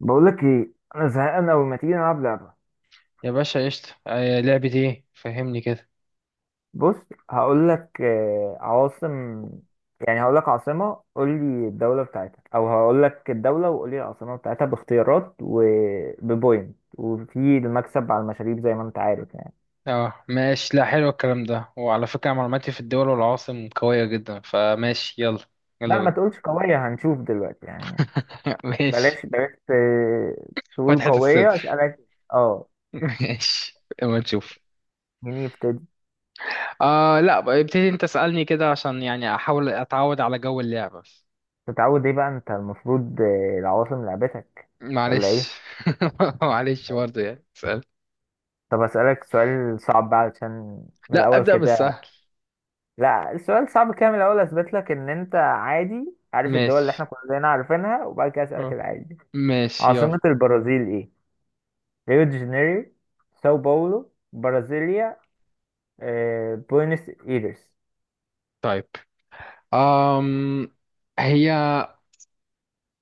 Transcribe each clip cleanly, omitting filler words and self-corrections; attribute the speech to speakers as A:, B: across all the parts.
A: بقول لك ايه، انا زهقان قوي. ما تيجي نلعب لعبه؟
B: يا باشا، قشطة. لعبة ايه؟ فهمني كده.
A: بص. هقول لك عواصم. يعني هقول لك عاصمه قول لي الدوله بتاعتها، او هقول لك الدوله وقول لي العاصمه بتاعتها، باختيارات وببوينت، وفي المكسب على المشاريب زي ما انت عارف يعني.
B: اه، ماشي. لا، حلو الكلام ده. وعلى فكرة، معلوماتي في الدول والعواصم قوية جدا، فماشي يلا. يلا
A: لا، ما
B: بينا.
A: تقولش قويه، هنشوف دلوقتي يعني.
B: ماشي.
A: بلاش بلاش تقول
B: فتحة
A: قويه
B: الصدر.
A: اسالك. اه.
B: ماشي اما نشوف.
A: مين يبتدي؟
B: لا، بقى ابتدي انت. اسألني كده عشان يعني احاول اتعود على جو اللعبة.
A: تتعود ايه بقى؟ انت المفروض العواصم لعبتك، ولا ايه؟
B: معلش. معلش برضه، يعني اسأل.
A: طب أسألك سؤال صعب بقى، علشان من
B: لا،
A: الأول
B: ابدأ
A: كده.
B: بالسهل.
A: لا، السؤال صعب كده من الأول أثبت لك إن أنت عادي عارف الدول اللي
B: ماشي.
A: إحنا كلنا عارفينها، وبعد كده أسألك
B: اه.
A: العادي.
B: ماشي يلا.
A: عاصمة البرازيل إيه؟ ريو دي جانيرو، ساو باولو، برازيليا، بوينس إيرس.
B: طيب، أم هي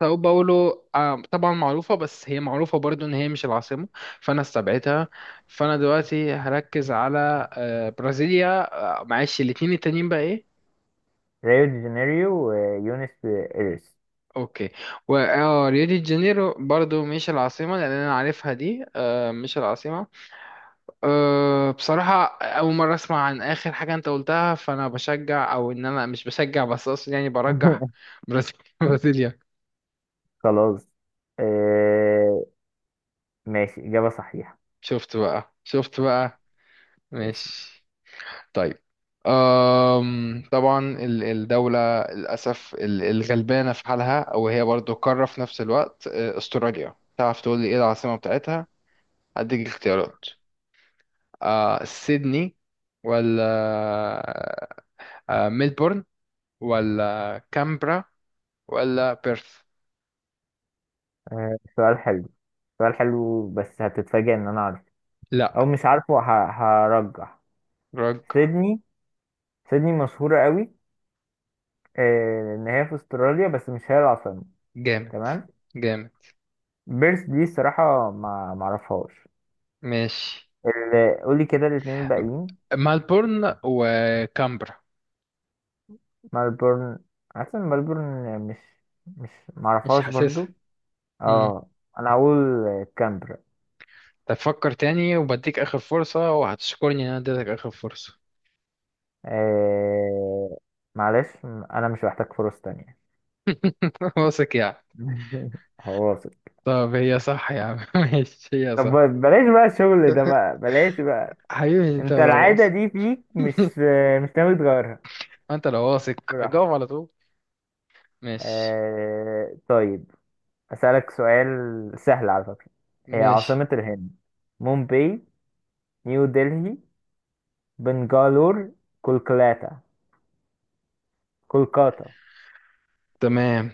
B: ساو باولو. طبعا معروفة، بس هي معروفة برضو ان هي مش العاصمة. فانا استبعدتها. فانا دلوقتي هركز على برازيليا. معلش، الاتنين التانيين بقى ايه؟
A: ريو دي جانيرو ويونس إيرس.
B: اوكي. و ريو دي جانيرو برضو مش العاصمة، لان انا عارفها دي مش العاصمة. بصراحة اول مرة اسمع عن اخر حاجة انت قلتها. فانا بشجع، او ان انا مش بشجع، بس اقصد يعني برجح. برازيليا. برازيليا.
A: خلاص. آه، ماشي، إجابة صحيحة.
B: شفت بقى، شفت بقى.
A: ماشي.
B: ماشي. طيب، طبعا الدولة للأسف الغلبانة في حالها، أو هي برضو قارة في نفس الوقت، أستراليا، تعرف تقول لي إيه العاصمة بتاعتها؟ هديك اختيارات. سيدني، ولا ميلبورن، ولا كامبرا، ولا بيرث؟
A: سؤال حلو، سؤال حلو، بس هتتفاجئ إن أنا عارفه
B: لا.
A: أو مش عارفه. هرجح
B: رجع.
A: سيدني. سيدني مشهورة قوي، ان هي في استراليا بس مش هي العاصمة.
B: جامد.
A: تمام.
B: جامد.
A: بيرث دي الصراحة ما معرفهاش.
B: ماشي.
A: قولي كده الاتنين الباقيين.
B: ملبورن وكامبرا.
A: ملبورن، عارفة إن ملبورن مش
B: مش
A: معرفهاش
B: حاسسها.
A: برضو. اه، انا هقول كامبرا.
B: طب فكر تاني، وبديك آخر فرصة، وهتشكرني إن أنا اديتك آخر فرصة.
A: آه. معلش، انا مش محتاج فرص تانية.
B: واثق يعني؟
A: هواصل.
B: طب هي صح يا عم. ماشي، هي
A: طب
B: صح.
A: بلاش بقى الشغل ده بقى، بلاش بقى.
B: حبيبي، أنت
A: انت
B: لو
A: العادة
B: واثق.
A: دي فيك، مش مش ناوي تغيرها؟
B: أنت لو واثق
A: براحتك.
B: أجاوب على طول. ماشي.
A: آه، طيب. أسألك سؤال سهل على فكرة. هي
B: ماشي.
A: عاصمة الهند؟ مومباي، نيو دلهي، بنغالور، كولكاتا. كولكاتا.
B: تمام.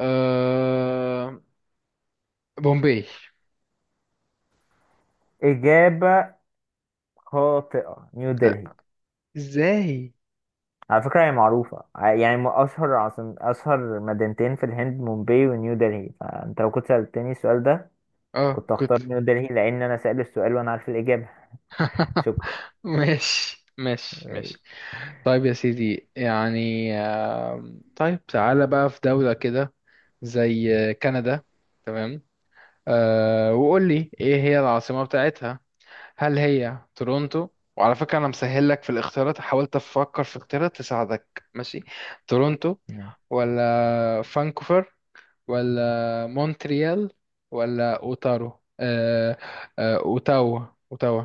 B: أه... بومبي.
A: إجابة خاطئة. نيو
B: لا.
A: دلهي.
B: ازاي؟
A: على فكرة هي معروفة يعني أشهر عاصم، أشهر مدينتين في الهند مومباي ونيو دلهي، فأنت لو كنت سألتني السؤال ده
B: اه،
A: كنت
B: كنت.
A: هختار نيو دلهي، لأن أنا سأل السؤال وأنا عارف الإجابة. شكرا.
B: ماشي، ماشي،
A: ماشي
B: ماشي. طيب يا سيدي، يعني طيب تعالى بقى في دولة كده، زي كندا، تمام. وقول لي ايه هي العاصمة بتاعتها؟ هل هي تورونتو؟ وعلى فكرة، انا مسهل لك في الاختيارات، حاولت افكر في اختيارات تساعدك، ماشي؟ تورونتو، ولا فانكوفر، ولا مونتريال، ولا اوتارو أه أه اوتاوا. اوتاوا.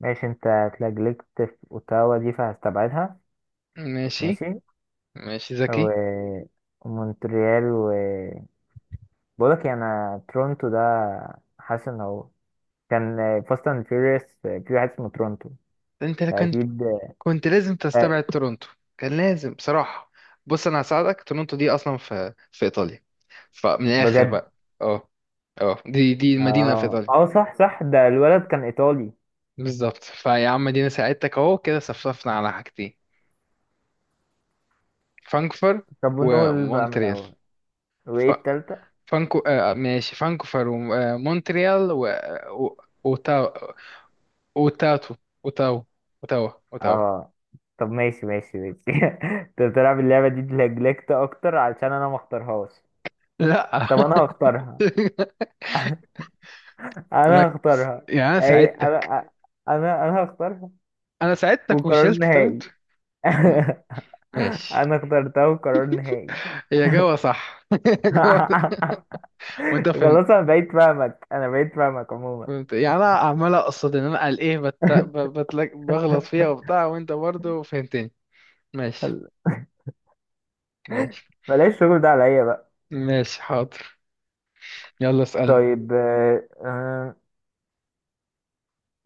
A: ماشي. أنت اتلجلجت في أوتاوا دي فهستبعدها.
B: ماشي.
A: ماشي.
B: ماشي، ذكي.
A: ومونتريال، و... بقولك يعني، انا تورونتو ده حاسس ان هو كان فاست اند فيوريوس في واحد اسمه تورونتو،
B: انت كنت
A: فاكيد.
B: كنت لازم
A: آه،
B: تستبعد تورونتو. كان لازم بصراحة. بص انا هساعدك، تورونتو دي اصلا في ايطاليا. فمن الاخر
A: بجد؟
B: بقى. اه. اه، دي مدينة في
A: اه
B: ايطاليا.
A: اه، صح صح، ده الولد كان ايطالي.
B: بالظبط، فيا عم دينا ساعدتك، اهو كده صفصفنا على حاجتين. فانكفر،
A: طب ونقول بقى من
B: ومونتريال.
A: الاول،
B: ف...
A: وايه التالتة؟
B: فانكو آه ماشي، فانكفر، ومونتريال، و... وتاو، وتاتو، وتاو، وتاو، وتاو.
A: اه. طب ماشي ماشي ماشي. انت بتلعب اللعبة دي لجلكت اكتر علشان انا ما اختارهاش.
B: لا.
A: طب انا هختارها، انا
B: ركز،
A: هختارها.
B: يعني انا
A: اي
B: ساعدتك.
A: انا هختارها،
B: انا ساعدتك
A: وقرار
B: وشلت.
A: نهائي.
B: م- ماشي.
A: انا اخترتها قرار نهائي.
B: هي جوه صح. هي جوه. وانت فهمت.
A: خلاص، انا بقيت فاهمك، انا بقيت فاهمك عموما.
B: فهمت، يعني انا عمال اقصد ان انا قال ايه، بغلط فيها وبتاع، وانت برضو فهمتني. ماشي. ماشي.
A: بلاش الشغل ده عليا بقى.
B: ماشي، حاضر. يلا اسألني.
A: طيب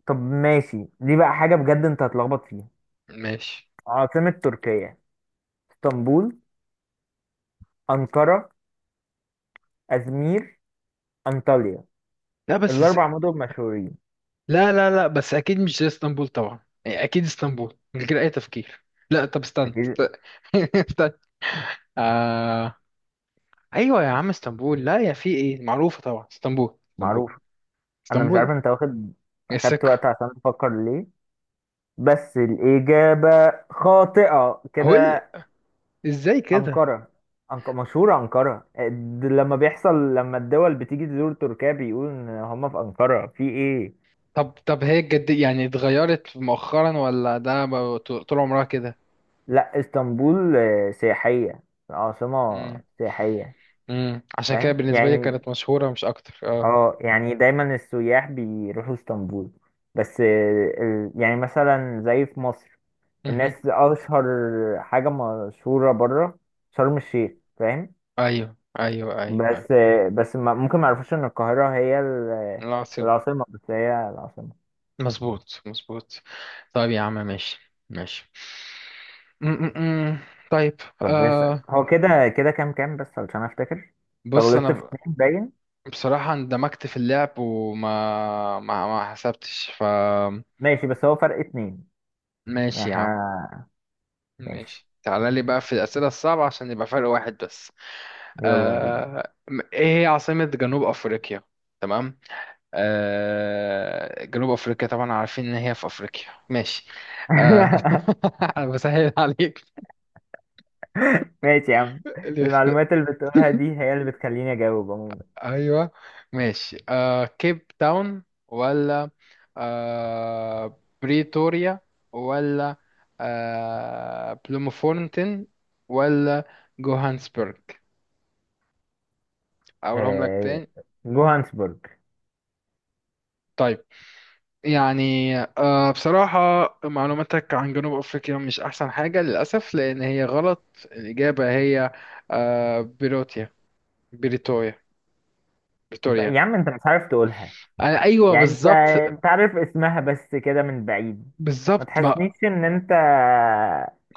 A: طب ماشي، دي بقى حاجة بجد انت هتلخبط فيها.
B: ماشي.
A: عاصمة تركيا؟ اسطنبول، أنقرة، أزمير، أنطاليا.
B: لا بس
A: الأربع مدن مشهورين.
B: لا، لا، لا، بس اكيد مش زي اسطنبول طبعا. يعني اكيد اسطنبول من غير اي تفكير. لا طب استنى.
A: أكيد.
B: استنى. آه... ايوه يا عم، اسطنبول. لا يا في ايه معروفة طبعا، اسطنبول، اسطنبول.
A: معروف. أنا مش
B: اسطنبول.
A: عارف انت واخد،
B: إيه،
A: أخدت
B: السكة.
A: وقت عشان تفكر ليه، بس الإجابة خاطئة
B: هو إيه
A: كده.
B: ازاي كده؟
A: أنقرة. مشهورة أنقرة، لما بيحصل، لما الدول بتيجي تزور تركيا بيقولوا إن هما في أنقرة، في إيه؟
B: طب هي الجد يعني اتغيرت مؤخرا، ولا ده طول طول عمرها كده؟
A: لا، اسطنبول سياحية، عاصمة
B: امم
A: سياحية،
B: عشان كده
A: فاهم؟
B: بالنسبة لي
A: يعني
B: كانت مشهورة مش اكتر. اه.
A: اه، يعني دايما السياح بيروحوا اسطنبول، بس يعني مثلا زي في مصر، الناس
B: مهم.
A: أشهر حاجة، مشهورة بره شرم الشيخ، فاهم؟
B: ايوه، ايوه، ايوه، ايوه.
A: بس بس ممكن ما يعرفوش إن القاهرة هي
B: العاصمة.
A: العاصمة، بس هي العاصمة.
B: مظبوط، مظبوط. طيب يا عم، ماشي. ماشي. امم طيب.
A: طب اسأل
B: آه
A: هو كده، كده كام كام بس علشان افتكر. طب
B: بص، انا
A: غلطت في اتنين باين.
B: بصراحة اندمجت في اللعب، وما ما حسبتش
A: ماشي، بس هو فرق اتنين يعني
B: ماشي يا عم.
A: احنا. ماشي،
B: ماشي، تعالى لي بقى في الأسئلة الصعبة عشان يبقى فرق واحد بس.
A: يلا بينا.
B: آه، ايه هي عاصمة جنوب افريقيا؟ تمام. جنوب افريقيا، طبعا عارفين ان هي في افريقيا. ماشي. آه، انا بسهل عليك.
A: ماشي يا عم.
B: اللي يخت-
A: المعلومات اللي بتقولها دي هي اللي بتخليني اجاوب عموما.
B: ايوه. ماشي، كيب تاون، ولا بريتوريا، ولا بلومفونتين، ولا جوهانسبرج؟ اقولهم لك
A: آه،
B: تاني؟
A: جوهانسبورج.
B: طيب. يعني بصراحة، معلوماتك عن جنوب أفريقيا مش أحسن حاجة للأسف، لأن هي غلط. الإجابة هي آه، بيروتيا بريتوريا. بريتوريا.
A: يا عم انت مش عارف تقولها،
B: أنا، أيوه،
A: يعني انت،
B: بالظبط.
A: انت عارف اسمها بس كده من بعيد. ما
B: بالظبط
A: تحسنيش ان انت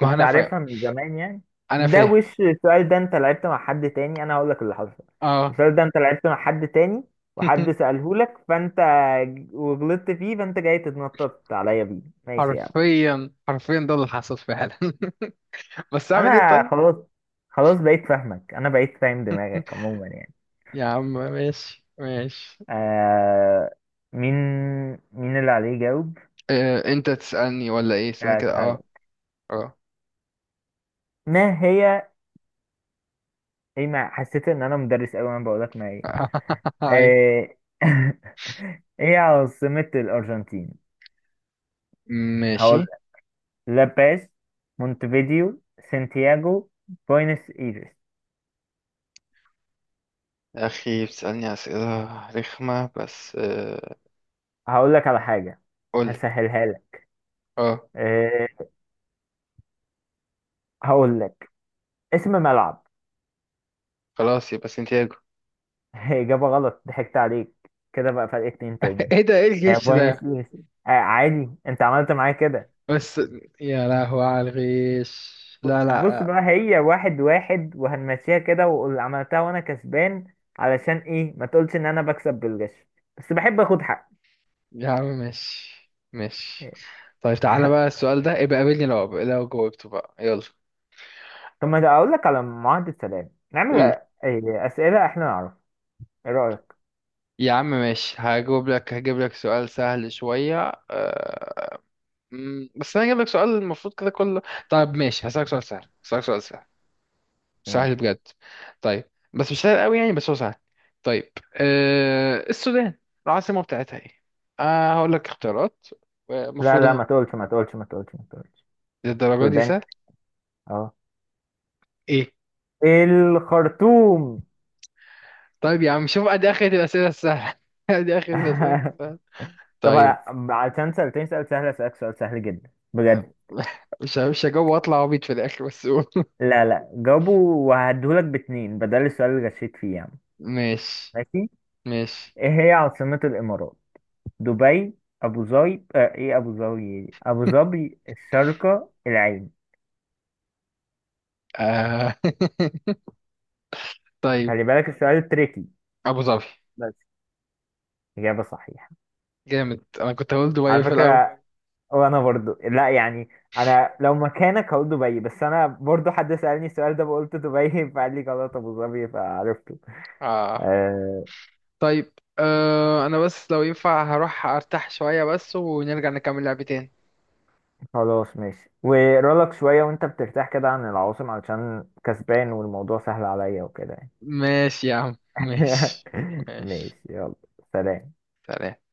B: ما أنا فاهم.
A: عارفها من زمان يعني.
B: أنا
A: ده
B: فاهم.
A: وش السؤال ده؟ انت لعبت مع حد تاني، انا هقول لك اللي حصل.
B: أه.
A: السؤال ده انت لعبت مع حد تاني، وحد سأله لك فانت وغلطت فيه، فانت جاي تتنطط عليا بيه. ماشي يا عم.
B: حرفيا، حرفيا، ده اللي حصل فعلا. بس أعمل إيه
A: انا
B: طيب؟
A: خلاص، خلاص بقيت فاهمك، انا بقيت فاهم دماغك عموما يعني.
B: يا عم، ماشي، ماشي.
A: آه. مين مين اللي عليه يجاوب؟
B: أنت تسألني ولا إيه؟ استنى
A: آه،
B: كده. أه.
A: اسألك.
B: أه.
A: ما هي ايه؟ ما حسيت ان انا مدرس قوي وانا بقول لك ما ايه.
B: أيوة.
A: ايه. ايه عاصمة الارجنتين؟
B: ماشي.
A: هقول: لاباز، مونتفيديو، سانتياغو، بوينس ايرس.
B: يا أخي، بتسألني أسئلة رخمة بس.
A: هقول لك على حاجة،
B: قولي.
A: هسهلها لك.
B: اه.
A: إيه؟ هقول لك اسم ملعب.
B: خلاص يبقى سنتياجو.
A: اجابة غلط، ضحكت عليك. كده بقى فرق اتنين تاني.
B: ايه ده؟ ايه
A: هي
B: الغش
A: بوينس
B: ده؟
A: ايرس. آه عادي، انت عملت معايا كده.
B: بس. يا لهوي على الغش، لا، لا،
A: بص
B: لا.
A: بقى، هي واحد واحد وهنمشيها كده، واللي عملتها وانا كسبان. علشان ايه ما تقولش ان انا بكسب بالغش، بس بحب اخد حق.
B: يا عم مش. مش. طيب، تعالى بقى السؤال ده، ابقى قابلني لو جاوبته بقى، يلا.
A: طب ما اقول لك على معاهدة سلام، نعمل
B: قول.
A: إيه اسئلة احنا نعرف؟ ايه رأيك؟
B: يا عم ماشي، هجاوب لك، هجيب لك سؤال سهل شوية. بس انا هجيب لك سؤال المفروض كده كله. طيب ماشي، هسألك سؤال سهل، هسألك سؤال سهل. سهل
A: ماشي.
B: بجد. طيب، بس مش سهل قوي يعني، بس هو سهل. طيب، السودان، العاصمة بتاعتها ايه؟ هقول لك اختيارات.
A: لا
B: المفروض
A: لا،
B: ان
A: ما تقولش ما تقولش ما تقولش ما تقولش.
B: الدرجة دي
A: سودان.
B: سهل.
A: اه.
B: ايه؟
A: الخرطوم.
B: طيب يا عم، شوف ادي اخرة الأسئلة السهلة. ادي اخرة الأسئلة السهلة.
A: طب
B: طيب.
A: عشان سألتني سؤال سهل، اسألك سؤال سهل جدا بجد.
B: آه، مش هجاوب واطلع عبيط في الاخر، بس قول.
A: لا لا، جاوبه وهديهولك باتنين بدل السؤال اللي غشيت فيه يعني.
B: ماشي.
A: ماشي.
B: ماشي.
A: ايه هي عاصمة الامارات؟ دبي، ابو ظبي، آه، ايه ابو ظبي إيه؟ ابو ظبي، الشارقة، العين.
B: آه. طيب.
A: خلي بالك السؤال تريكي
B: ابو ظبي.
A: بس. اجابة صحيحة.
B: جامد، انا كنت هقول دبي
A: على
B: في الاول.
A: فكرة، وانا برضو لا يعني، انا لو مكانك هقول دبي، بس انا برضو حد سألني السؤال ده بقولت دبي فقال لي غلط ابو ظبي فعرفته.
B: آه.
A: آه.
B: طيب، انا بس لو ينفع هروح ارتاح شوية بس، ونرجع نكمل لعبتين.
A: خلاص ماشي. ورولك شوية وانت بترتاح كده عن العواصم علشان كسبان والموضوع سهل عليا وكده يعني.
B: ماشي يا عم، ماشي. ماشي.
A: ماشي يلا. سلام.
B: سلام.